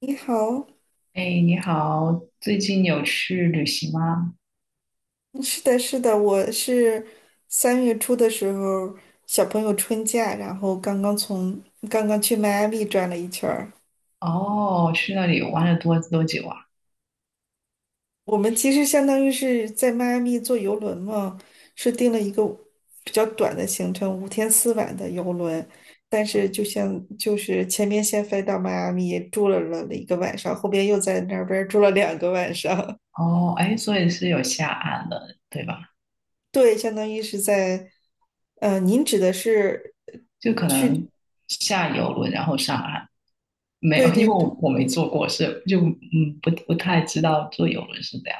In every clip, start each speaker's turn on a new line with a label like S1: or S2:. S1: 你好。
S2: 哎，你好，最近有去旅行吗？
S1: 嗯，是的，是的，我是3月初的时候，小朋友春假，然后刚刚去迈阿密转了一圈儿。
S2: 哦，去那里玩了多久啊？
S1: 我们其实相当于是在迈阿密坐游轮嘛，是订了一个比较短的行程，五天四晚的游轮。但是就是前面先飞到迈阿密住了一个晚上，后边又在那边儿住了2个晚上。
S2: 哦，哎，所以是有下岸了，对吧？
S1: 对，相当于是在，您指的是
S2: 就可
S1: 去，
S2: 能下游轮然后上岸，没
S1: 对
S2: 有，因
S1: 对
S2: 为我
S1: 对。
S2: 我没坐过，是就不太知道坐游轮是这样。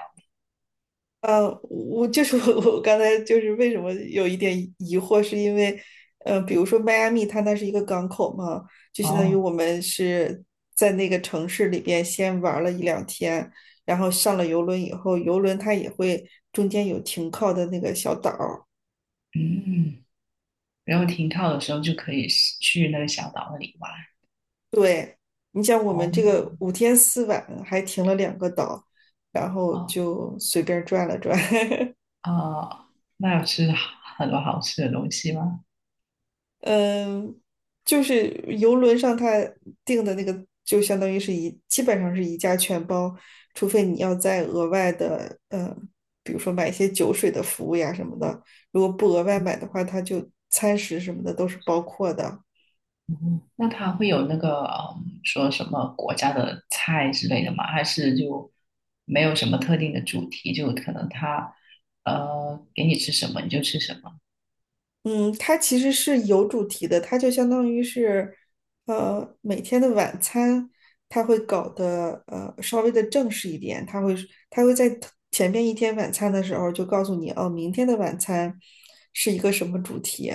S1: 我就是 我刚才就是为什么有一点疑惑，是因为，比如说迈阿密，它那是一个港口嘛，就相当于
S2: 哦，
S1: 我们是在那个城市里边先玩了一两天，然后上了游轮以后，游轮它也会中间有停靠的那个小岛儿。
S2: 嗯，然后停靠的时候就可以去那个小岛那里玩。
S1: 对，你像我们这
S2: 哦
S1: 个五天四晚还停了2个岛，然后
S2: 哦
S1: 就随便转了转。
S2: 哦，那有吃很多好吃的东西吗？
S1: 嗯，就是游轮上他订的那个，就相当于是基本上是一价全包，除非你要再额外的，比如说买一些酒水的服务呀什么的，如果不额外买的话，它就餐食什么的都是包括的。
S2: 那它会有那个说什么国家的菜之类的吗？还是就没有什么特定的主题？就可能它给你吃什么你就吃什么。
S1: 嗯，它其实是有主题的，它就相当于是，每天的晚餐，它会搞得稍微的正式一点，它会在 前面一天晚餐的时候就告诉你，哦，明天的晚餐是一个什么主题，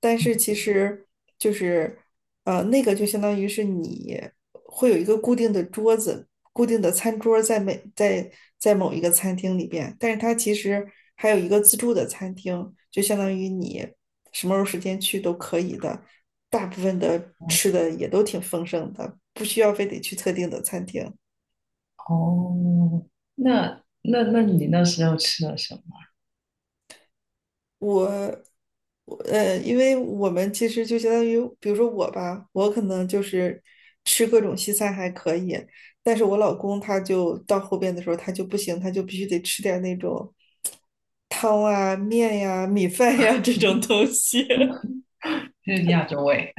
S1: 但是其
S2: 嗯，
S1: 实就是，那个就相当于是你会有一个固定的桌子、固定的餐桌在每在在某一个餐厅里边，但是它其实还有一个自助的餐厅，就相当于你什么时候时间去都可以的，大部分的吃的也都挺丰盛的，不需要非得去特定的餐厅。
S2: 哦，那你那时候吃了什么？
S1: 我，我因为我们其实就相当于，比如说我吧，我可能就是吃各种西餐还可以，但是我老公他就到后边的时候他就不行，他就必须得吃点那种汤啊、面呀、米饭呀这种东西。
S2: 就是亚洲味，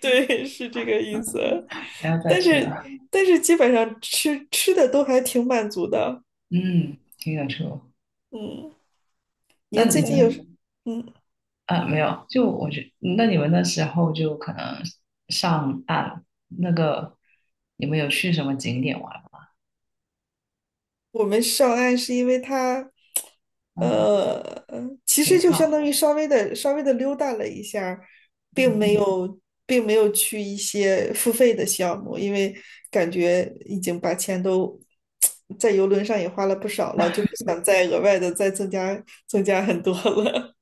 S1: 对，是这个意思。
S2: 还要再
S1: 但
S2: 吃
S1: 是，
S2: 啊？
S1: 但是基本上吃吃的都还挺满足的。
S2: 嗯，听得出。
S1: 嗯，您
S2: 那
S1: 最
S2: 你
S1: 近有什，
S2: 们
S1: 嗯，嗯。
S2: 啊，没有，就我觉那你们那时候就可能上岸那个，你们有去什么景点玩吗？
S1: 我们上岸是因为他，
S2: 嗯，
S1: 呃，其
S2: 挺
S1: 实就相
S2: 好。
S1: 当于稍微的溜达了一下儿。并
S2: 嗯，
S1: 没嗯有并没有去一些付费的项目，因为感觉已经把钱都在游轮上也花了不少了，就不想再额外的再增加很多了。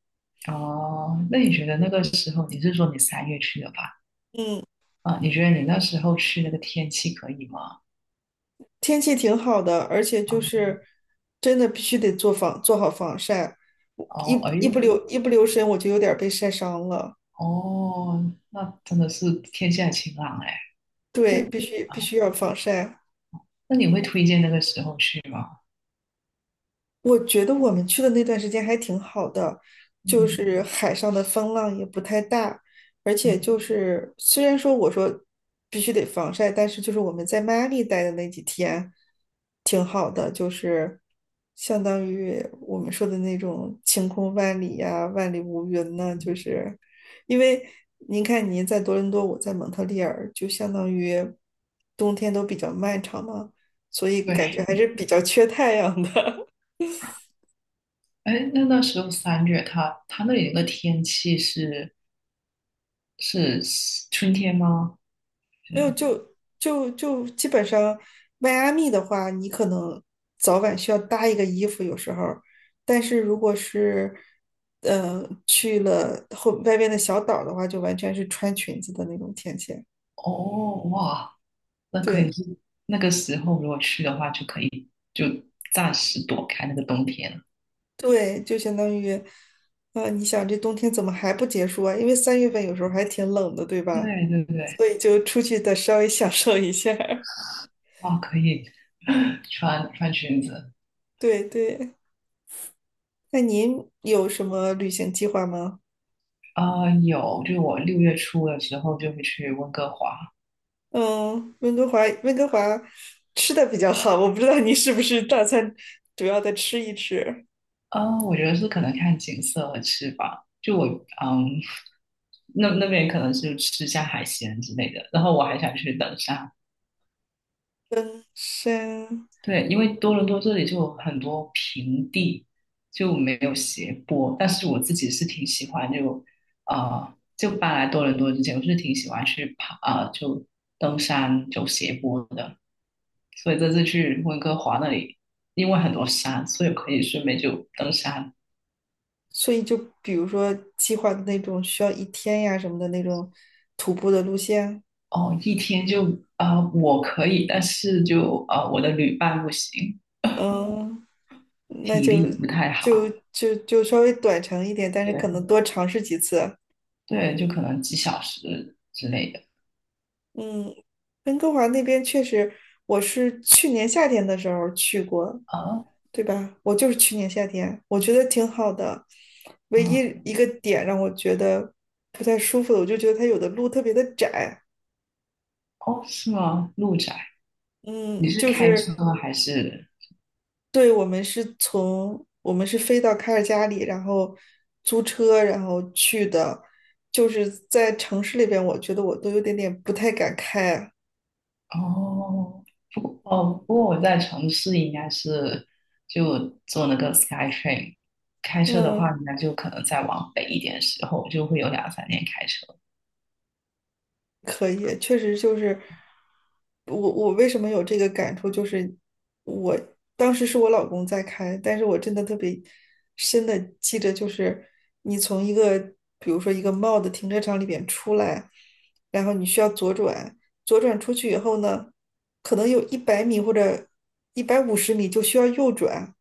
S2: 哦，那你觉得那个时候你是说你三月去的吧？
S1: 嗯，
S2: 啊，你觉得你那时候去那个天气可以吗？
S1: 天气挺好的，而且就
S2: 啊，
S1: 是真的必须得做好防晒，我一
S2: 哦，哎，
S1: 一不留一不留神我就有点儿被晒伤了。
S2: 哦，那真的是天气还晴朗哎。那
S1: 对，必须必
S2: 啊，
S1: 须要防晒。
S2: 那你会推荐那个时候去吗？
S1: 我觉得我们去的那段时间还挺好的，就
S2: 嗯
S1: 是海上的风浪也不太大，而且
S2: 嗯，
S1: 就是虽然说我说必须得防晒，但是就是我们在迈阿密待的那几天挺好的，就是相当于我们说的那种晴空万里呀、万里无云呢，就是因为您看您在多伦多，我在蒙特利尔，就相当于冬天都比较漫长嘛，所以感觉
S2: 对，
S1: 还是比较缺太阳的。
S2: 哎，那那时候三月它，那里那个天气是春天吗？
S1: 没有，
S2: 是，
S1: 就基本上，迈阿密的话，你可能早晚需要搭一个衣服，有时候儿但是如果是，去了后外边的小岛的话，就完全是穿裙子的那种天气。
S2: 哦，哇，那可以
S1: 对
S2: 是那个时候如果去的话，就可以就暂时躲开那个冬天。
S1: 对，就相当于，你想这冬天怎么还不结束啊？因为3月份有时候还挺冷的，对
S2: 对
S1: 吧？
S2: 对对，
S1: 所以就出去的稍微 享受一下儿。
S2: 哦，可以 穿穿裙子。
S1: 对对，那您有什么旅行计划吗？
S2: 啊、有，就我6月初的时候就会去温哥华。
S1: 温哥华吃的比较好，我不知道你是不是大餐主要的吃一吃。
S2: 啊、我觉得是可能看景色和吃吧。就我嗯，那那边可能是吃下海鲜之类的，然后我还想去登山。
S1: 登山，
S2: 对，因为多伦多这里就有很多平地，就没有斜坡。但是我自己是挺喜欢就搬来多伦多之前，我是挺喜欢去爬，就登山走斜坡的。所以这次去温哥华那里，因为很多山，所以可以顺便就登山。
S1: 所以就比如说计划的那种需要一天呀什么的那种徒步的路线，
S2: 哦，一天就我可以，但是就我的旅伴不行，
S1: 嗯，那
S2: 体
S1: 就
S2: 力不太
S1: 就
S2: 好。
S1: 就就稍微短程一点，但是可
S2: 对
S1: 能多尝试几次。
S2: 对，就可能几小时之类的
S1: 嗯，温哥华那边确实，我是去年夏天的时候去过，
S2: 啊。
S1: 对吧？我就是去年夏天，我觉得挺好的。唯一
S2: 啊
S1: 一个点让我觉得不太舒服的，我就觉得它有的路特别的窄。
S2: 哦，是吗？路窄，你
S1: 嗯，
S2: 是
S1: 就
S2: 开车
S1: 是
S2: 还是？
S1: 对我们是飞到卡尔加里，然后租车，然后去的，就是在城市里边，我觉得我都有点点不太敢开。
S2: 哦，不过我在城市应该是就坐那个 SkyTrain，开车的话，
S1: 嗯，
S2: 应该就可能再往北一点的时候，就会有两三天开车。
S1: 可以，确实就是我为什么有这个感触，就是我当时是我老公在开，但是我真的特别深的记着，就是你从一个比如说一个 m a 的停车场里边出来，然后你需要左转，左转出去以后呢，可能有100米或者150米就需要右转，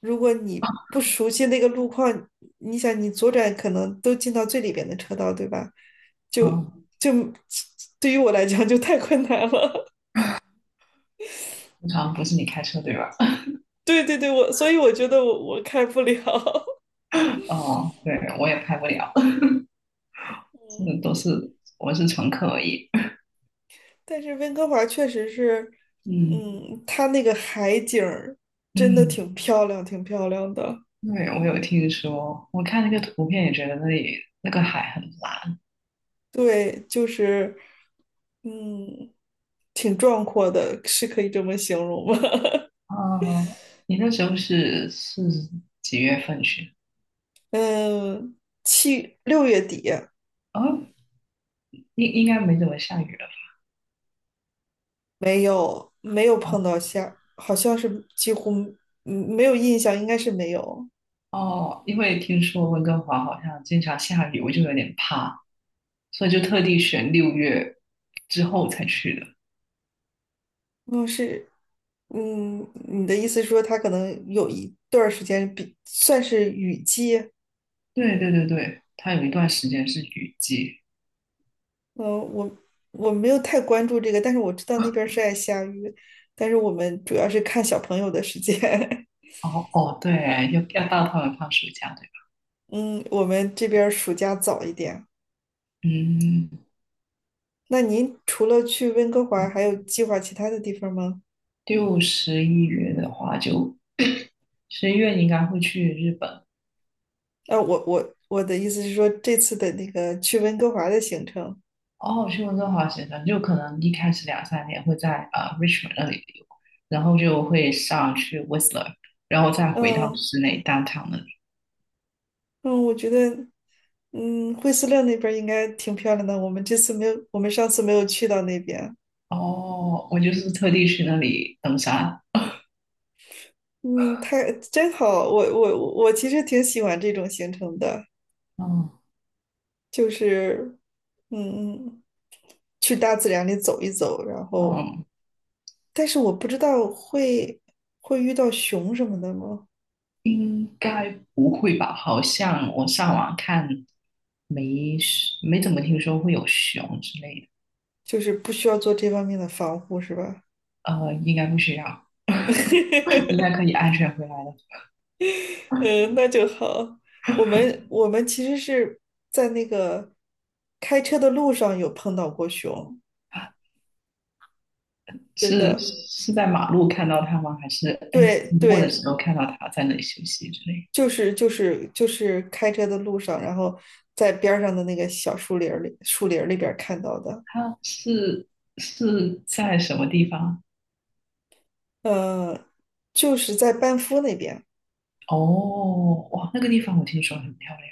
S1: 如果你不熟悉那个路况，你想你左转可能都进到最里边的车道，对吧？就
S2: 哦，
S1: 就对于我来讲就太困难了。
S2: 通常不是你开车对吧？
S1: 对对对，我所以我觉得我开不了。
S2: 哦，对，我也开不了，这
S1: 嗯，
S2: 都是我是乘客而已。
S1: 但是温哥华确实是，
S2: 嗯
S1: 嗯，它那个海景儿真的
S2: 嗯，
S1: 挺漂亮，挺漂亮的。
S2: 对，我有听说，我看那个图片也觉得那里那个海很蓝。
S1: 对，就是，嗯，挺壮阔的，是可以这么形容吗？
S2: 哦，你那时候是几月份去？
S1: 嗯，6月底。
S2: 啊，应该没怎么下雨了。
S1: 没有没有碰
S2: 哦
S1: 到下，好像是几乎没有印象，应该是没有。
S2: 哦，因为听说温哥华好像经常下雨，我就有点怕，所以就特地选六月之后才去的。
S1: 嗯，是，嗯，你的意思是说他可能有一段儿时间算是雨季，
S2: 对对对对，它有一段时间是雨季。
S1: 嗯，我我没有太关注这个，但是我知道那边儿是爱下雨，但是我们主要是看小朋友的时间。
S2: 哦哦，对，要到他们放暑假，对吧？
S1: 嗯，我们这边儿暑假早一点。
S2: 嗯，
S1: 那您除了去温哥华，还有计划其他的地方吗？
S2: 六十一月的话就，十一月你应该会去日本。
S1: 啊，我的意思是说这次的那个去温哥华的行程，
S2: 哦，休斯顿滑雪生就可能一开始两三年会在Richmond 那里溜，然后就会上去 Whistler，然后再回到
S1: 嗯
S2: 室内 downtown 那里。
S1: 嗯，我觉得。嗯，惠斯勒那边儿应该挺漂亮的。我们这次没有，我们上次没有去到那边。
S2: 哦，我就是特地去那里登山。
S1: 嗯，太真好。我其实挺喜欢这种行程的，
S2: 嗯
S1: 就是，嗯嗯，去大自然里走一走。然后，
S2: 嗯，
S1: 但是我不知道会遇到熊什么的吗？
S2: 应该不会吧？好像我上网看没没怎么听说会有熊之类的。
S1: 就是不需要做这方面的防护，是吧？
S2: 应该不需要，应该可 以安全回来的。
S1: 嗯，那就好。我们其实是在那个开车的路上有碰到过熊。真
S2: 是
S1: 的，
S2: 是在马路看到他吗？还是哎
S1: 对
S2: 经过的
S1: 对，
S2: 时候看到他在那里休息之类的？
S1: 就是开车的路上，然后在边上的那个小树林儿里，树林儿里边儿看到的，
S2: 他是是在什么地方？
S1: 呃，就是在班夫那边，
S2: 哦，哇，那个地方我听说很漂亮。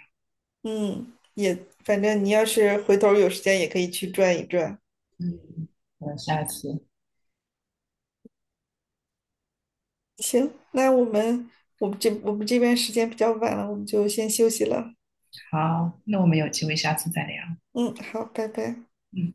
S1: 嗯，也反正你要是回头有时间也可以去转一转。
S2: 嗯，我下次。
S1: 行，那我们这边时间比较晚了，我们就先休息了。
S2: 好，那我们有机会下次再聊。
S1: 嗯，好，拜拜。
S2: 嗯。